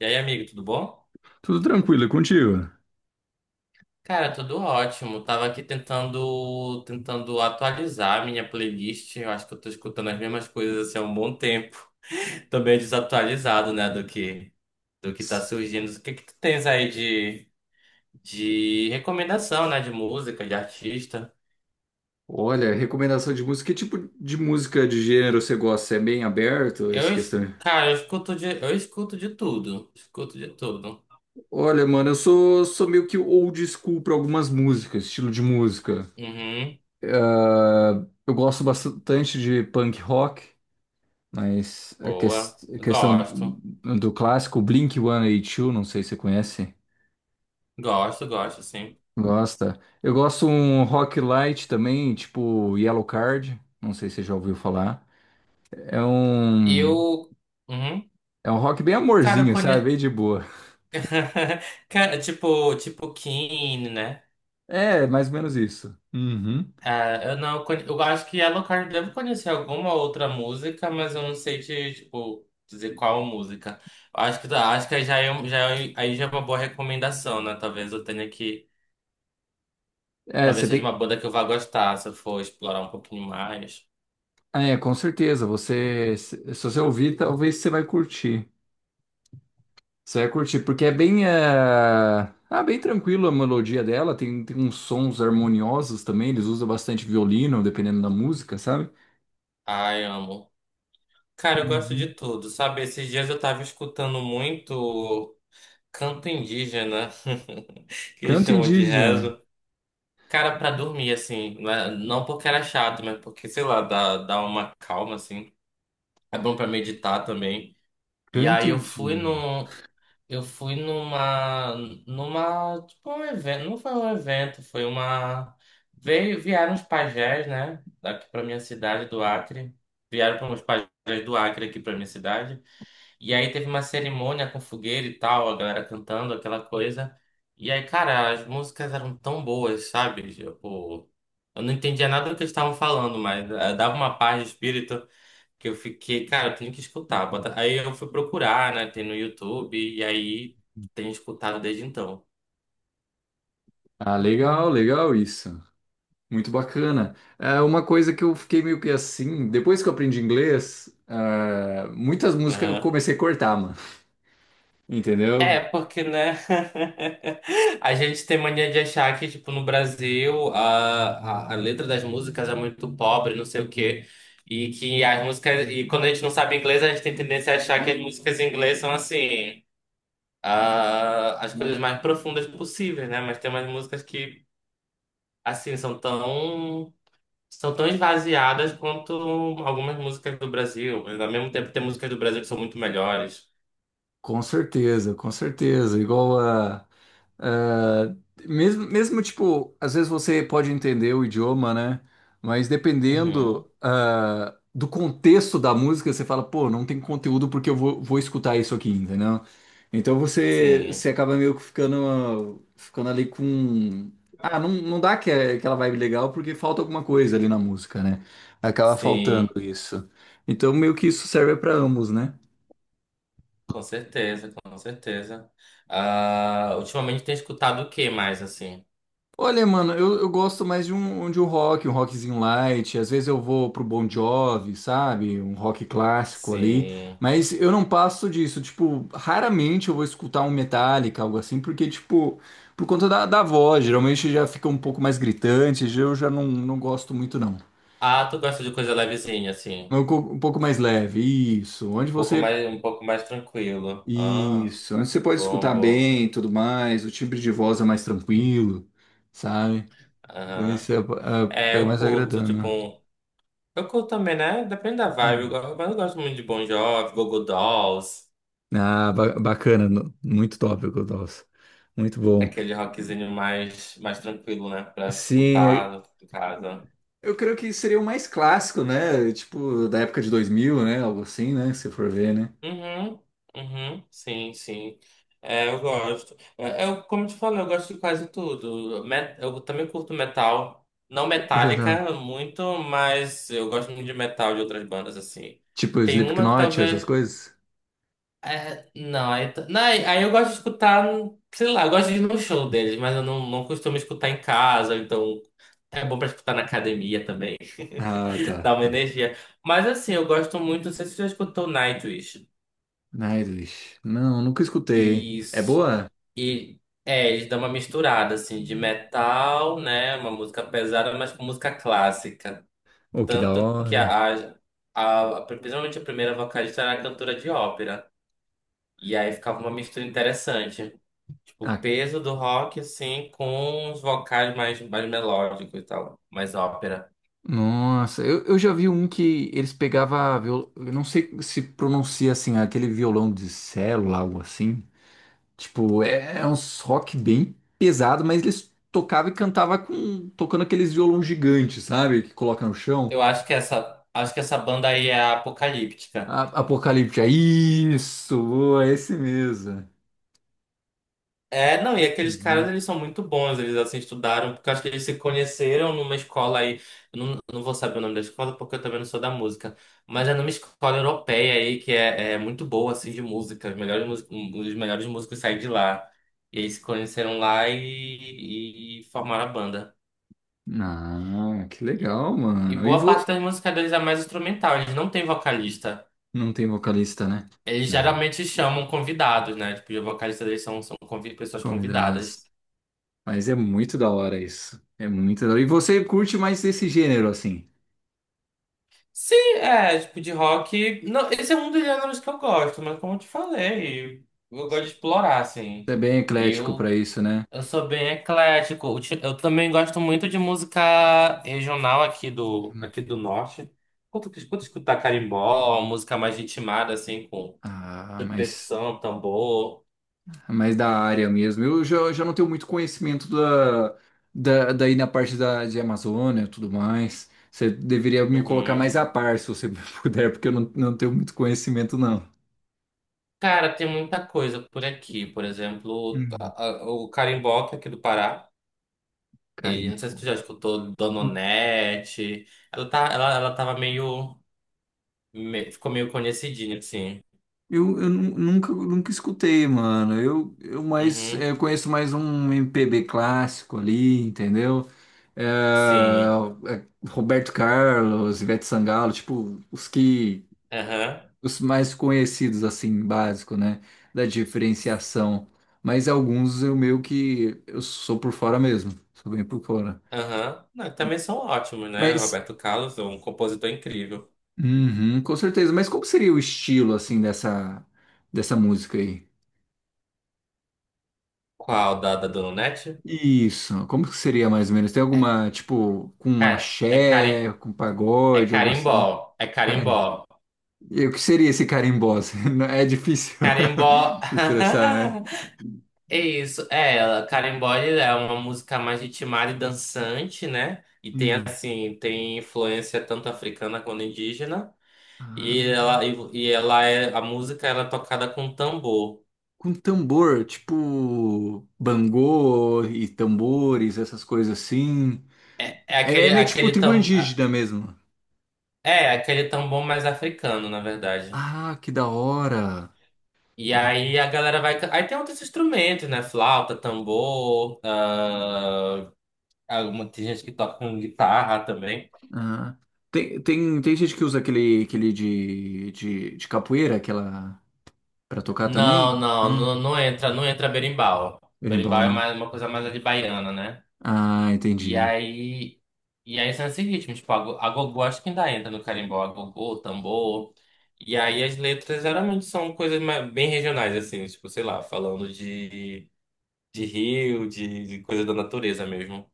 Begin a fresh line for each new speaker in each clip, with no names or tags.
E aí, amigo, tudo bom?
Tudo tranquilo, é contigo?
Cara, tudo ótimo. Tava aqui tentando atualizar a minha playlist. Eu acho que eu tô escutando as mesmas coisas assim, há um bom tempo. Também é desatualizado, né, do que tá surgindo. O que que tu tens aí de recomendação, né, de música, de artista?
Olha, recomendação de música. Que tipo de música de gênero você gosta? É bem aberto essa questão?
Cara, eu escuto de tudo. Escuto de tudo.
Olha, mano, eu sou meio que old school para algumas músicas, estilo de música.
Uhum.
Ah, eu gosto bastante de punk rock, mas a,
Boa.
ques- a questão
Gosto.
do clássico Blink-182, não sei se você conhece.
Gosto, gosto, sim.
Gosta? Eu gosto um rock light também, tipo Yellow Card, não sei se você já ouviu falar. É um.
Eu, uhum.
É um rock bem
Cara, eu
amorzinho, sabe?
conheço.
Bem de boa.
Cara, tipo Keane, né?
É, mais ou menos isso. Uhum.
Ah, eu não, con- eu acho que Yellow Card deve conhecer alguma outra música, mas eu não sei te, tipo, dizer qual música. Acho que já é uma boa recomendação, né?
É,
Talvez
você
seja
tem.
uma banda que eu vá gostar se eu for explorar um pouquinho mais.
É, com certeza. Você, se você ouvir, talvez você vai curtir. Você vai curtir, porque é bem, bem tranquilo a melodia dela. Tem uns sons harmoniosos também. Eles usam bastante violino, dependendo da música, sabe?
Ai, amo. Cara, eu gosto de
Uhum.
tudo, sabe? Esses dias eu tava escutando muito canto indígena, que
Canto
chamam de
indígena.
rezo. Cara, pra dormir, assim, não porque era chato, mas porque, sei lá, dá uma calma, assim. É bom pra meditar também. E
Canto
aí eu fui
indígena.
num. Eu fui numa. Numa. Tipo, um evento. Não foi um evento, foi uma. Vieram os pajés, né? Daqui pra minha cidade, do Acre. Vieram para os pajés do Acre aqui pra minha cidade. E aí teve uma cerimônia com fogueira e tal, a galera cantando aquela coisa. E aí, cara, as músicas eram tão boas, sabe? Tipo, eu não entendia nada do que eles estavam falando, mas dava uma paz de espírito que eu fiquei, cara, eu tenho que escutar. Aí eu fui procurar, né? Tem no YouTube, e aí tenho escutado desde então.
Ah, legal, legal isso. Muito bacana. É uma coisa que eu fiquei meio que assim, depois que eu aprendi inglês, muitas músicas eu comecei a cortar, mano.
É,
Entendeu?
porque, né? A gente tem mania de achar que, tipo, no Brasil a letra das músicas é muito pobre, não sei o quê. E que as músicas. E quando a gente não sabe inglês, a gente tem tendência a achar que as músicas em inglês são assim, ah, as coisas mais profundas possíveis, né? Mas tem umas músicas que, assim, São tão esvaziadas quanto algumas músicas do Brasil. Mas ao mesmo tempo tem músicas do Brasil que são muito melhores.
Com certeza, com certeza. Igual a. a- Mesmo, mesmo, tipo, às vezes você pode entender o idioma, né? Mas dependendo,
Uhum.
do contexto da música, você fala, pô, não tem conteúdo porque eu vou escutar isso aqui, entendeu? Então você,
Sim,
você acaba meio que ficando ali com. Ah, não, não dá que, aquela vibe legal porque falta alguma coisa ali na música, né? Acaba
sim.
faltando isso. Então meio que isso serve para ambos, né?
Com certeza, com certeza. Ah, ultimamente tem escutado o que mais, assim?
Olha, mano, eu gosto mais de um rock, um rockzinho light. Às vezes eu vou pro Bon Jovi, sabe? Um rock clássico ali.
Sim.
Mas eu não passo disso. Tipo, raramente eu vou escutar um Metallica, algo assim, porque, tipo, por conta da voz, geralmente já fica um pouco mais gritante. Eu já não, não gosto muito, não.
Ah, tu gosta de coisa levezinha,
É
assim.
um,
Um
um pouco mais leve. Isso. Onde
pouco
você.
mais, um pouco mais tranquilo. Ah,
Isso. Onde você pode
bom,
escutar
bom.
bem e tudo mais. O timbre de voz é mais tranquilo, sabe? Então isso
Aham.
é,
É,
é, é
eu
mais
curto, tipo,
agradando.
um... Eu curto também, né? Depende da vibe.
Uhum.
Mas eu gosto muito de Bon Jovi, Go-Go Dolls.
Ah, bacana, muito tópico, nossa. Muito bom.
Aquele rockzinho mais tranquilo, né? Pra
Sim,
escutar em casa.
eu creio que seria o mais clássico, né? Tipo, da época de 2000, né? Algo assim, né? Se for ver, né?
Uhum, uhum, sim, sim. É, eu gosto. É, como eu te falei, eu gosto de quase tudo. Eu também curto metal, não
Já tá.
metálica muito, mas eu gosto muito de metal de outras bandas assim.
Tipo,
Tem uma que
Slipknot, essas
talvez.
coisas?
É, não, aí, t- não, aí aí eu gosto de escutar, sei lá, eu gosto de ir no show deles, mas eu não costumo escutar em casa, então é bom pra escutar na academia também,
Ah, tá,
dá uma
tá.
energia. Mas assim, eu gosto muito, não sei se você já escutou Nightwish.
Nightwish. Não, nunca escutei. É
Isso.
boa?
E Eles dão uma misturada assim de metal, né? Uma música pesada, mas com música clássica.
Oh, que da
Tanto que
hora.
principalmente a primeira vocalista era cantora de ópera. E aí ficava uma mistura interessante. Tipo, o
Ah,
peso do rock, assim, com os vocais mais melódicos e tal. Mais ópera.
nossa, eu já vi um que eles pegavam, viol... eu não sei se pronuncia assim, aquele violão de célula, algo assim. Tipo, é uns rock bem pesado, mas eles tocavam e cantavam com, tocando aqueles violão gigantes, sabe? Que coloca no chão.
Eu acho que essa banda aí é a Apocalíptica.
A, Apocalipse, é isso, boa, é esse mesmo.
É, não, e aqueles caras,
Uhum.
eles são muito bons, eles assim estudaram, porque eu acho que eles se conheceram numa escola aí, eu não vou saber o nome da escola porque eu também não sou da música, mas é numa escola europeia aí que é muito boa, assim, de música, os melhores músicos saem de lá, e eles se conheceram lá e formaram a banda.
Ah, que
E,
legal,
e
mano. E
boa
vou...
parte das músicas deles é mais instrumental, eles não têm vocalista,
Não tem vocalista, né?
eles
É.
geralmente chamam convidados, né, tipo, os vocalistas deles são pessoas convidadas.
Comidas. Mas é muito da hora isso. É muito da hora. E você curte mais desse gênero, assim?
Sim, é, tipo, de rock. Não, esse é um dos gêneros que eu gosto, mas como eu te falei, eu gosto
Você
de explorar, assim.
é bem eclético pra
Eu,
isso, né?
eu sou bem eclético. Eu também gosto muito de música regional aqui do, norte. Quanto que escuto escutar carimbó, música mais ritmada, assim, com
Ah, mas.
percussão, tambor.
Mais da área mesmo. Eu já não tenho muito conhecimento da, daí na parte da, de Amazônia e tudo mais. Você deveria me colocar
Uhum.
mais a par, se você puder, porque eu não, não tenho muito conhecimento, não.
Cara, tem muita coisa por aqui. Por exemplo,
Hum,
o carimbó, que é aqui do Pará. Ele, não sei se
Garimpo.
tu já escutou Dononete. Ela, tá, ela tava meio, me- Ficou meio conhecidinha, assim.
Nunca, nunca escutei, mano. Eu mais
Uhum.
eu conheço mais um MPB clássico ali, entendeu? É,
Sim.
é, Roberto Carlos, Ivete Sangalo, tipo,
Aham.
os mais conhecidos, assim, básico, né? Da diferenciação. Mas alguns eu meio que eu sou por fora mesmo. Sou bem por fora.
Aham. Não, também são ótimos, né?
Mas,
Roberto Carlos é um compositor incrível.
uhum, com certeza. Mas como seria o estilo, assim, dessa, dessa música aí?
Qual da Dononete?
Isso, como que seria mais ou menos? Tem
É,
alguma, tipo, com um
é, é, cari,
axé, com
é
pagode, algo assim?
Carimbó. É
Cara,
Carimbó.
e o que seria esse carimbó? Não- É difícil
Carimbó.
expressar, né?
É isso, é ela. Karen Boy é uma música mais ritmada e dançante, né? E tem
Hum.
assim, tem influência tanto africana quanto indígena.
Ah.
E ela é a música ela é tocada com tambor.
Com tambor, tipo bangô e tambores, essas coisas assim.
É, é
É, é
aquele
meio tipo
aquele
tribo
tam,
indígena mesmo.
é aquele tambor mais africano, na verdade.
Ah, que da hora.
E
Que da-
aí a galera aí tem outros instrumentos, né? Flauta, tambor, alguma tem gente que toca com guitarra também.
Ah. Tem gente que usa aquele, aquele de capoeira, aquela pra tocar
Não,
também?
não,
Não,
não, não entra berimbau.
berimbau
Berimbau é
não.
mais, uma coisa mais ali baiana, né?
Ah,
E
entendi.
aí, e aí são esses ritmos, tipo, a gogó acho que ainda entra no carimbó, a gogô, tambor. E aí as letras geralmente são coisas bem regionais, assim, tipo, sei lá, falando de rio, de coisa da natureza mesmo.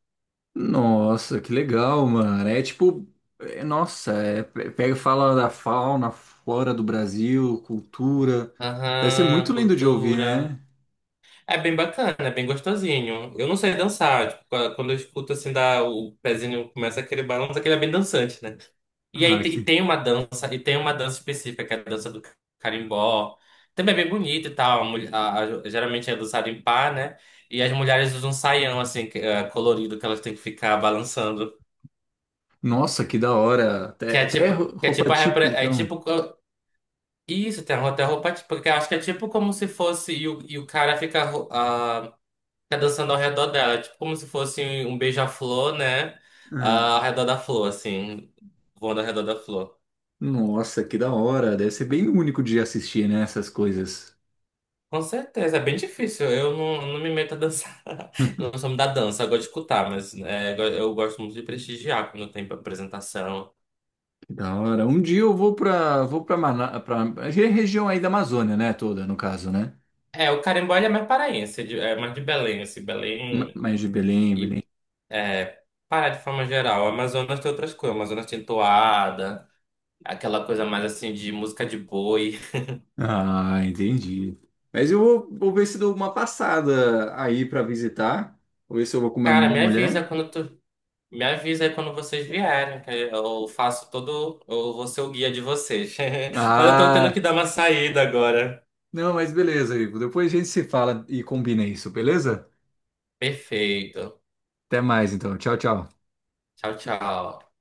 Nossa, que legal, mano. É tipo, é, nossa, é, pega e fala da fauna, flora do Brasil, cultura. Deve ser muito
Aham,
lindo de ouvir,
cultura.
né?
É bem bacana, é bem gostosinho. Eu não sei dançar, tipo, quando eu escuto assim, dá, o pezinho começa aquele balanço, aquele é bem dançante, né? E aí
Ah,
te- e
que...
tem uma dança, e tem uma dança específica, que é a dança do carimbó. Também é bem bonita e tal. A mulher- a- geralmente é dançado em par, né? E as mulheres usam um saião, assim, colorido, que elas têm que ficar balançando.
Nossa, que da hora.
Que
Até,
é
até
tipo, que é
roupa
tipo a repre-
típica, então.
Isso, tem a roupa, que eu acho que é tipo como se fosse e o cara fica dançando ao redor dela, é tipo como se fosse um beija-flor, né?
Ah,
Ah, ao redor da flor, assim, voando ao redor da flor.
nossa, que da hora. Deve ser bem único de assistir, né, essas coisas.
Com certeza, é bem difícil. Eu não me meto a dançar. Não sou muito da dança, eu gosto de escutar, eu gosto muito de prestigiar quando tem apresentação.
Que da hora. Um dia eu vou pra, Mana... pra... a região aí da Amazônia, né, toda, no caso, né?
É, o carimbó ele é mais paraense, é mais de Belém, assim, Belém
Mais de Belém,
e
Belém.
é, Pará de forma geral. O Amazonas tem outras coisas, o Amazonas tem toada, aquela coisa mais assim de música de boi.
Ah, entendi. Mas eu vou, vou ver se dou uma passada aí pra visitar. Vou ver se eu vou com minha
Cara,
mulher.
me avisa aí quando vocês vierem, que eu faço todo. Eu vou ser o guia de vocês. Mas eu tô tendo que
Ah,
dar uma saída agora.
não, mas beleza, Ivo. Depois a gente se fala e combina isso, beleza?
Perfeito.
Até mais, então. Tchau, tchau.
Tchau, tchau.